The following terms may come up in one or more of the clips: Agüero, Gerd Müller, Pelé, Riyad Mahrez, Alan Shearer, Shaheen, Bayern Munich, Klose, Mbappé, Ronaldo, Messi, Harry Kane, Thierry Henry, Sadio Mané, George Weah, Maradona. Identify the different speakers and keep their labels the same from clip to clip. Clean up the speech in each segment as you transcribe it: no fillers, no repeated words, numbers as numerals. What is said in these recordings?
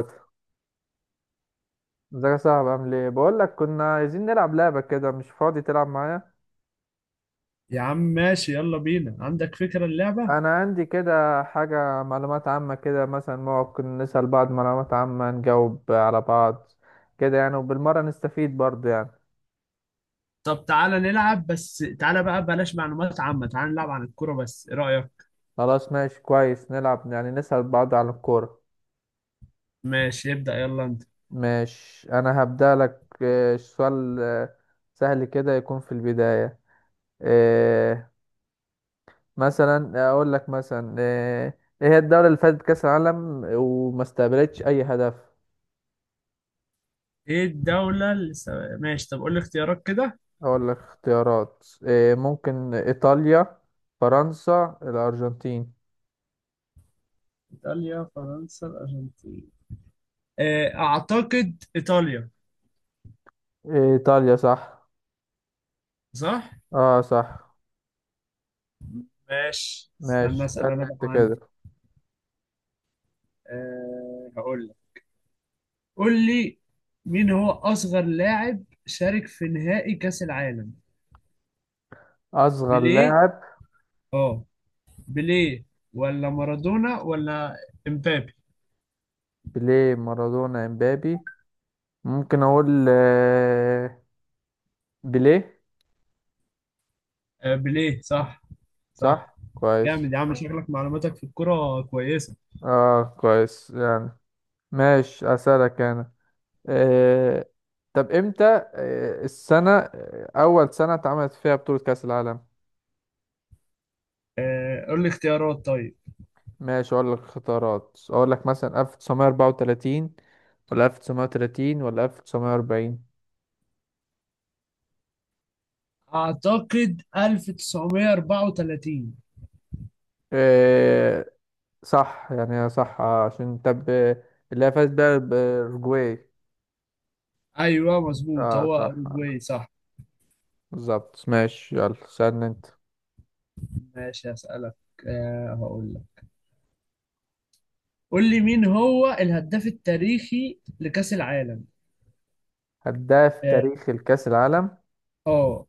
Speaker 1: ازيك يا صاحبي، عامل ايه؟ بقول لك كنا عايزين نلعب لعبه كده. مش فاضي تلعب معايا؟
Speaker 2: يا عم ماشي، يلا بينا. عندك فكرة اللعبة؟
Speaker 1: انا عندي كده حاجه، معلومات عامه كده، مثلا ممكن نسال بعض معلومات عامه، نجاوب على بعض كده يعني، وبالمره نستفيد برضه يعني.
Speaker 2: طب تعالى نلعب، بس تعالى بقى بلاش معلومات عامة. تعالى نلعب عن الكورة بس، ايه رأيك؟
Speaker 1: خلاص ماشي كويس، نلعب يعني نسال بعض عن الكوره.
Speaker 2: ماشي ابدأ يلا انت.
Speaker 1: مش انا هبدا لك، سؤال سهل كده يكون في البدايه. آه، مثلا اقول لك، مثلا ايه هي الدوله اللي فازت كاس العالم وما استقبلتش اي هدف؟
Speaker 2: ايه الدولة اللي ماشي طب قول لي اختيارات كده.
Speaker 1: أقول لك اختيارات إيه؟ ممكن إيطاليا، فرنسا، الأرجنتين.
Speaker 2: ايطاليا فرنسا الارجنتين. اعتقد ايطاليا.
Speaker 1: إيه، إيطاليا صح.
Speaker 2: صح.
Speaker 1: اه صح.
Speaker 2: ماشي
Speaker 1: ماشي
Speaker 2: استنى اسأل
Speaker 1: اسألني
Speaker 2: انا بقى
Speaker 1: أنت كده.
Speaker 2: عندي. هقول لك. قول لي مين هو اصغر لاعب شارك في نهائي كأس العالم؟
Speaker 1: أصغر
Speaker 2: بيليه.
Speaker 1: لاعب،
Speaker 2: اه بيليه، ولا مارادونا ولا امبابي؟
Speaker 1: بيليه، مارادونا، إمبابي. ممكن أقول بيليه.
Speaker 2: آه بيليه صح. صح.
Speaker 1: صح كويس.
Speaker 2: جامد يا عم، شكلك معلوماتك في الكرة كويسة.
Speaker 1: اه كويس يعني. ماشي أسألك أنا. آه، طب إمتى، السنة، أول سنة اتعملت فيها بطولة كأس العالم؟
Speaker 2: آه قول لي اختيارات طيب.
Speaker 1: ماشي اقول لك اختيارات، اقول لك مثلا 1934 ولا 1930 ولا 1940.
Speaker 2: اعتقد 1934.
Speaker 1: إيه صح يعني، هي صح، عشان طب اللي هي فاز بيها بأورجواي.
Speaker 2: ايوه مظبوط،
Speaker 1: اه
Speaker 2: هو
Speaker 1: صح،
Speaker 2: اوروجواي. صح.
Speaker 1: بالظبط. ماشي يلا سألني انت.
Speaker 2: ماشي هسألك. آه هقول لك. قول لي مين هو الهداف التاريخي لكأس العالم؟
Speaker 1: هداف
Speaker 2: اه.
Speaker 1: تاريخ الكأس العالم،
Speaker 2: آه،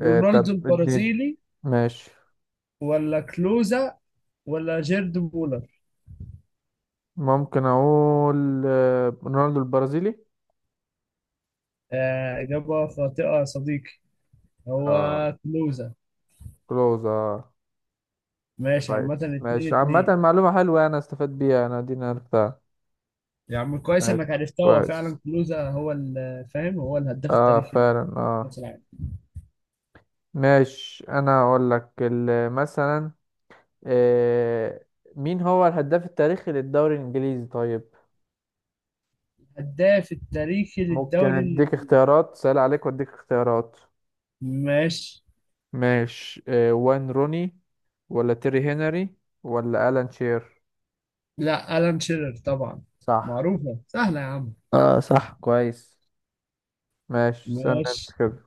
Speaker 1: إيه
Speaker 2: رونالدو
Speaker 1: طب اديني.
Speaker 2: البرازيلي
Speaker 1: ماشي،
Speaker 2: ولا كلوزا ولا جيرد مولر؟
Speaker 1: ممكن اقول رونالدو البرازيلي.
Speaker 2: آه إجابة خاطئة يا صديقي، هو
Speaker 1: اه
Speaker 2: كلوزة.
Speaker 1: كلوز اه
Speaker 2: ماشي
Speaker 1: كويس.
Speaker 2: عامة اتنين
Speaker 1: ماشي عامة
Speaker 2: اتنين.
Speaker 1: معلومة حلوة يعني، انا استفدت بيها، انا دي عرفتها.
Speaker 2: يا عم كويس
Speaker 1: ماشي
Speaker 2: انك عرفتها، هو
Speaker 1: كويس.
Speaker 2: فعلا كلوزة هو فاهم، هو الهداف
Speaker 1: اه
Speaker 2: التاريخي
Speaker 1: فعلا اه.
Speaker 2: لكأس العالم.
Speaker 1: ماشي انا اقول لك ال- مثلا، آه مين هو الهداف التاريخي للدوري الانجليزي طيب؟
Speaker 2: الهداف التاريخي
Speaker 1: ممكن
Speaker 2: للدوري
Speaker 1: اديك
Speaker 2: الانجليزي.
Speaker 1: اختيارات سهل عليك، واديك اختيارات.
Speaker 2: ماشي.
Speaker 1: ماشي، آه وين روني ولا تيري هنري ولا الان شير.
Speaker 2: لا ألان شيرر طبعا،
Speaker 1: صح.
Speaker 2: معروفة سهلة يا عم.
Speaker 1: اه صح كويس. ماشي استنى انت
Speaker 2: ماشي
Speaker 1: كده.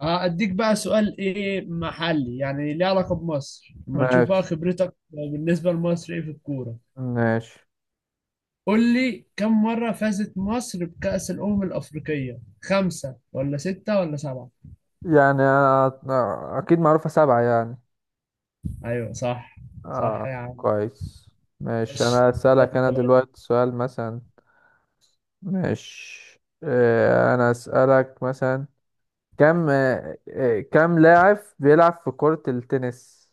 Speaker 2: هأديك بقى سؤال ايه محلي، يعني ليه علاقة بمصر، اما نشوف بقى
Speaker 1: ماشي
Speaker 2: خبرتك بالنسبة لمصر ايه في الكورة.
Speaker 1: ماشي.
Speaker 2: قول لي كم مرة فازت مصر بكأس الأمم الأفريقية؟ خمسة ولا ستة ولا سبعة؟
Speaker 1: يعني أنا اكيد معروفة سبعة يعني.
Speaker 2: أيوة صح. صح يا
Speaker 1: اه
Speaker 2: عم.
Speaker 1: كويس. ماشي
Speaker 2: ماشي.
Speaker 1: انا
Speaker 2: دلوقتي
Speaker 1: اسالك
Speaker 2: انت
Speaker 1: انا
Speaker 2: بقت.
Speaker 1: دلوقتي سؤال مثلا. ماشي، انا اسالك مثلا، كم آه، آه، كم لاعب بيلعب في كرة التنس؟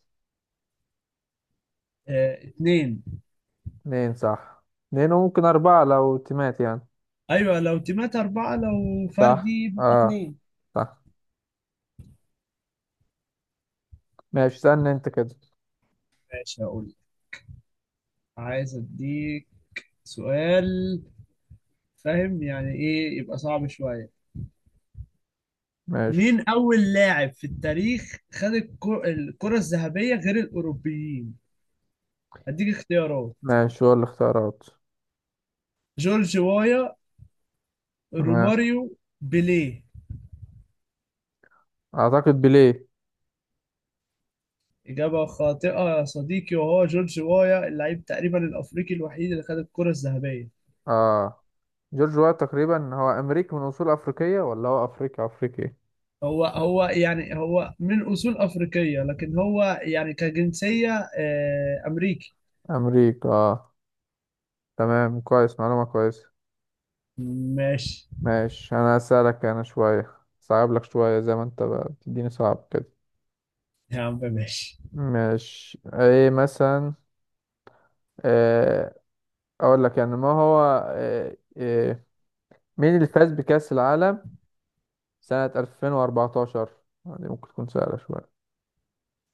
Speaker 2: اتنين.
Speaker 1: اتنين صح. اتنين، وممكن اربعة لو تيمات يعني.
Speaker 2: أيوة لو تيمات أربعة، لو
Speaker 1: صح.
Speaker 2: فردي بيبقى
Speaker 1: اه
Speaker 2: اتنين.
Speaker 1: صح. ماشي استنى انت كده.
Speaker 2: ماشي هقول لك. عايز أديك سؤال. فاهم يعني إيه، يبقى صعب شوية.
Speaker 1: ماشي
Speaker 2: مين أول لاعب في التاريخ خد الكرة الذهبية غير الأوروبيين؟ هديك اختيارات.
Speaker 1: ماشي هو الاختيارات.
Speaker 2: جورج وايا،
Speaker 1: تمام،
Speaker 2: روماريو، بيليه.
Speaker 1: اعتقد بيليه.
Speaker 2: إجابة خاطئة يا صديقي، وهو جورج وايا، اللعيب تقريبا الأفريقي الوحيد اللي خد الكرة الذهبية.
Speaker 1: اه جورج وات تقريبا، هو امريكي من اصول افريقية ولا هو افريقي افريقي؟
Speaker 2: هو هو يعني، هو من أصول أفريقية، لكن هو يعني كجنسية أمريكي.
Speaker 1: امريكا آه. تمام كويس، معلومة كويسة.
Speaker 2: ماشي.
Speaker 1: ماشي أنا هسألك أنا شوية صعب، لك شوية زي ما أنت بقى بتديني صعب كده.
Speaker 2: يا عم ماشي.
Speaker 1: ماشي إيه مثلا، إيه، أقول لك يعني ما هو، إيه إيه، مين اللي فاز بكأس العالم سنة 2014؟ دي ممكن تكون سهلة شوية.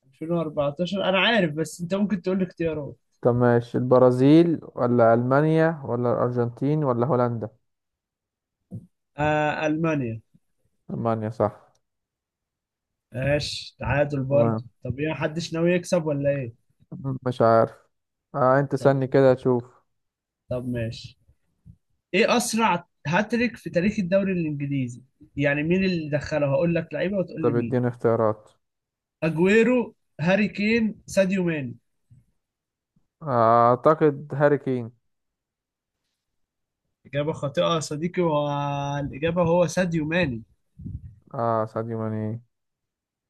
Speaker 2: 2014 أنا عارف، بس أنت ممكن تقول لي اختيارات.
Speaker 1: طب ماشي، البرازيل ولا ألمانيا ولا الأرجنتين ولا هولندا.
Speaker 2: آه ألمانيا.
Speaker 1: ألمانيا صح.
Speaker 2: ماشي تعادل برضه،
Speaker 1: تمام.
Speaker 2: طب إيه محدش ناوي يكسب ولا إيه؟
Speaker 1: مش عارف. آه أنت
Speaker 2: طب.
Speaker 1: سألني كده تشوف.
Speaker 2: طب ماشي، إيه أسرع هاتريك في تاريخ الدوري الإنجليزي؟ يعني مين اللي دخله، هقول لك لعيبه وتقول لي
Speaker 1: طب
Speaker 2: مين.
Speaker 1: اديني اختيارات،
Speaker 2: اجويرو، هاري كين، ساديو ماني.
Speaker 1: اعتقد هاري كين.
Speaker 2: اجابه خاطئه يا صديقي، والاجابه هو ساديو ماني.
Speaker 1: اه ساديو ماني.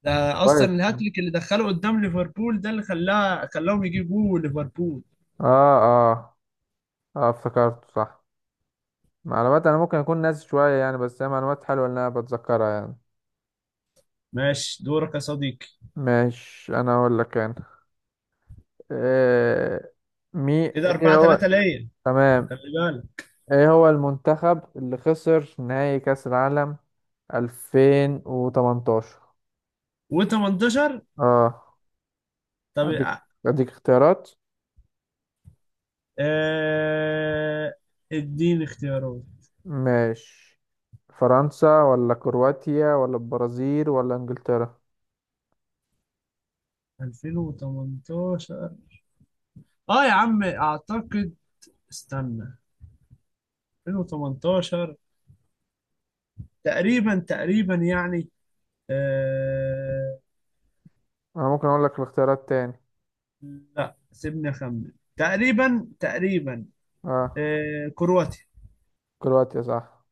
Speaker 2: ده اصلا
Speaker 1: كويس.
Speaker 2: الهاتريك اللي دخله قدام ليفربول، ده اللي خلاها خلاهم يجيبوا ليفربول.
Speaker 1: اه اه اه افتكرته صح. معلومات انا ممكن اكون ناسي شوية يعني، بس هي معلومات حلوة ان انا بتذكرها يعني.
Speaker 2: ماشي دورك يا صديقي.
Speaker 1: ماشي انا اقول لك انا، آه مي
Speaker 2: كده
Speaker 1: ايه
Speaker 2: 4
Speaker 1: هو،
Speaker 2: 3 ليا،
Speaker 1: تمام.
Speaker 2: خلي بالك.
Speaker 1: ايه هو المنتخب اللي خسر نهائي كأس العالم 2018؟
Speaker 2: و18؟
Speaker 1: اه
Speaker 2: طب
Speaker 1: اديك اديك اختيارات.
Speaker 2: آه، اديني اختيارات.
Speaker 1: ماشي، فرنسا ولا كرواتيا ولا البرازيل ولا انجلترا.
Speaker 2: 2018. اه يا عم اعتقد، استنى. 2018 تقريبا تقريبا يعني. آه...
Speaker 1: انا ممكن اقول لك الاختيارات تاني.
Speaker 2: لا سيبني اخمن تقريبا تقريبا.
Speaker 1: اه
Speaker 2: آه كرواتيا.
Speaker 1: كرواتيا صح.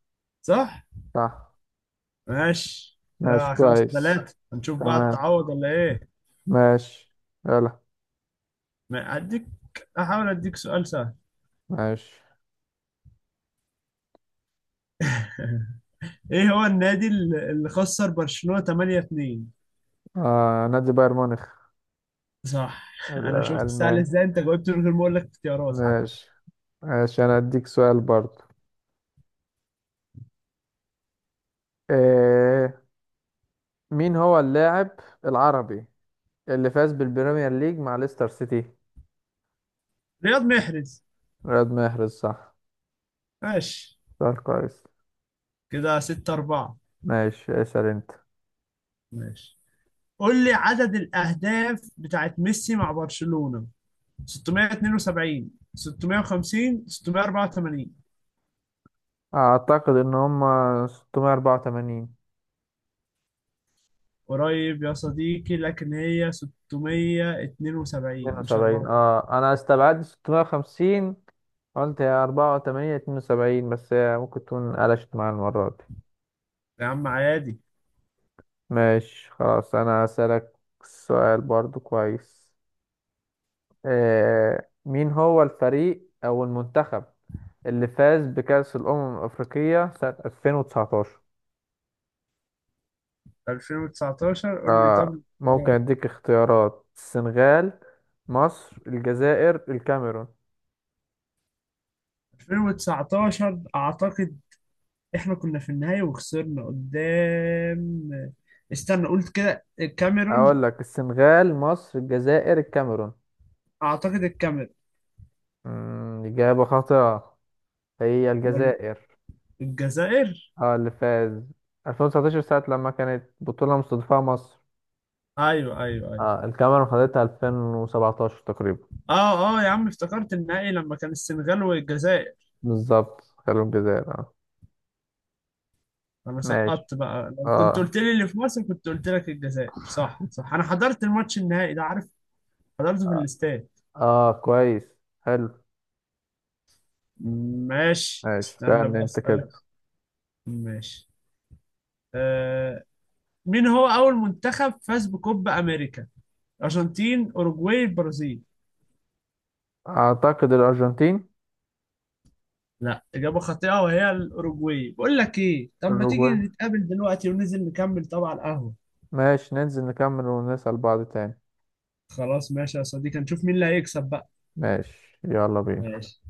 Speaker 2: صح.
Speaker 1: صح.
Speaker 2: ماشي
Speaker 1: ماشي
Speaker 2: كده خمسة
Speaker 1: كويس
Speaker 2: ثلاثة، هنشوف بقى
Speaker 1: تمام.
Speaker 2: تعوض ولا ايه.
Speaker 1: ماشي يلا.
Speaker 2: ما هديك، احاول اديك سؤال سهل.
Speaker 1: ماشي،
Speaker 2: ايه هو النادي اللي خسر برشلونة 8-2؟
Speaker 1: آه نادي بايرن ميونخ.
Speaker 2: صح. انا شفت سهل
Speaker 1: الالمان.
Speaker 2: ازاي انت جاوبت من غير ما اقول لك اختيارات حتى.
Speaker 1: ماشي ماشي، انا اديك سؤال برضو، آه مين هو اللاعب العربي اللي فاز بالبريمير ليج مع ليستر سيتي؟
Speaker 2: رياض محرز.
Speaker 1: رياض محرز صح.
Speaker 2: ماشي
Speaker 1: سؤال كويس.
Speaker 2: كده 6 4.
Speaker 1: ماشي اسأل انت.
Speaker 2: ماشي قول لي عدد الاهداف بتاعت ميسي مع برشلونة. 672، 650، 684.
Speaker 1: اعتقد ان هم 684،
Speaker 2: قريب يا صديقي، لكن هي 672 مش
Speaker 1: 72.
Speaker 2: 84.
Speaker 1: اه انا استبعدت 650، قلت يا 4 8 72، بس هي ممكن تكون قلشت معايا المرة دي.
Speaker 2: يا عم عادي.
Speaker 1: ماشي خلاص انا هسألك سؤال برضو كويس، آه مين هو الفريق او المنتخب اللي فاز بكأس الأمم الأفريقية سنة 2019؟
Speaker 2: 2019 قول لي طب
Speaker 1: آه ممكن
Speaker 2: الاختيارات.
Speaker 1: أديك اختيارات، السنغال، مصر، الجزائر، الكاميرون.
Speaker 2: 2019 اعتقد احنا كنا في النهاية وخسرنا قدام، استنى قلت كده الكاميرون.
Speaker 1: أقول لك السنغال، مصر، الجزائر، الكاميرون.
Speaker 2: اعتقد الكاميرون.
Speaker 1: إجابة خاطئة، هي
Speaker 2: أمال؟
Speaker 1: الجزائر.
Speaker 2: الجزائر.
Speaker 1: اه اللي فاز 2019، ساعة لما كانت بطولة مستضيفة مصر.
Speaker 2: ايوه ايوه ايوه.
Speaker 1: اه الكاميرون خدتها 2017 تقريبا.
Speaker 2: اه اه يا عم افتكرت النهائي لما كان السنغال والجزائر.
Speaker 1: بالظبط، خلوا الجزائر اه.
Speaker 2: انا
Speaker 1: ماشي
Speaker 2: سقطت بقى، لو كنت
Speaker 1: اه
Speaker 2: قلت لي اللي في مصر كنت قلت لك الجزائر. صح صح، انا حضرت الماتش النهائي ده عارف. حضرته في الاستاد.
Speaker 1: اه كويس حلو.
Speaker 2: ماشي
Speaker 1: ماشي
Speaker 2: استنى
Speaker 1: كان
Speaker 2: بقى
Speaker 1: انت كده.
Speaker 2: اسالك. ماشي. آه. مين هو اول منتخب فاز بكوبا امريكا؟ ارجنتين، اوروجواي، البرازيل.
Speaker 1: اعتقد الارجنتين.
Speaker 2: لا اجابه خاطئه، وهي الاوروجواي. بقول لك ايه، طب ما تيجي
Speaker 1: الأوروغواي.
Speaker 2: نتقابل دلوقتي وننزل نكمل طبعا على القهوه.
Speaker 1: ماشي ننزل نكمل ونسأل بعض تاني.
Speaker 2: خلاص ماشي يا صديقي، نشوف مين اللي هيكسب بقى.
Speaker 1: ماشي يلا بينا.
Speaker 2: ماشي.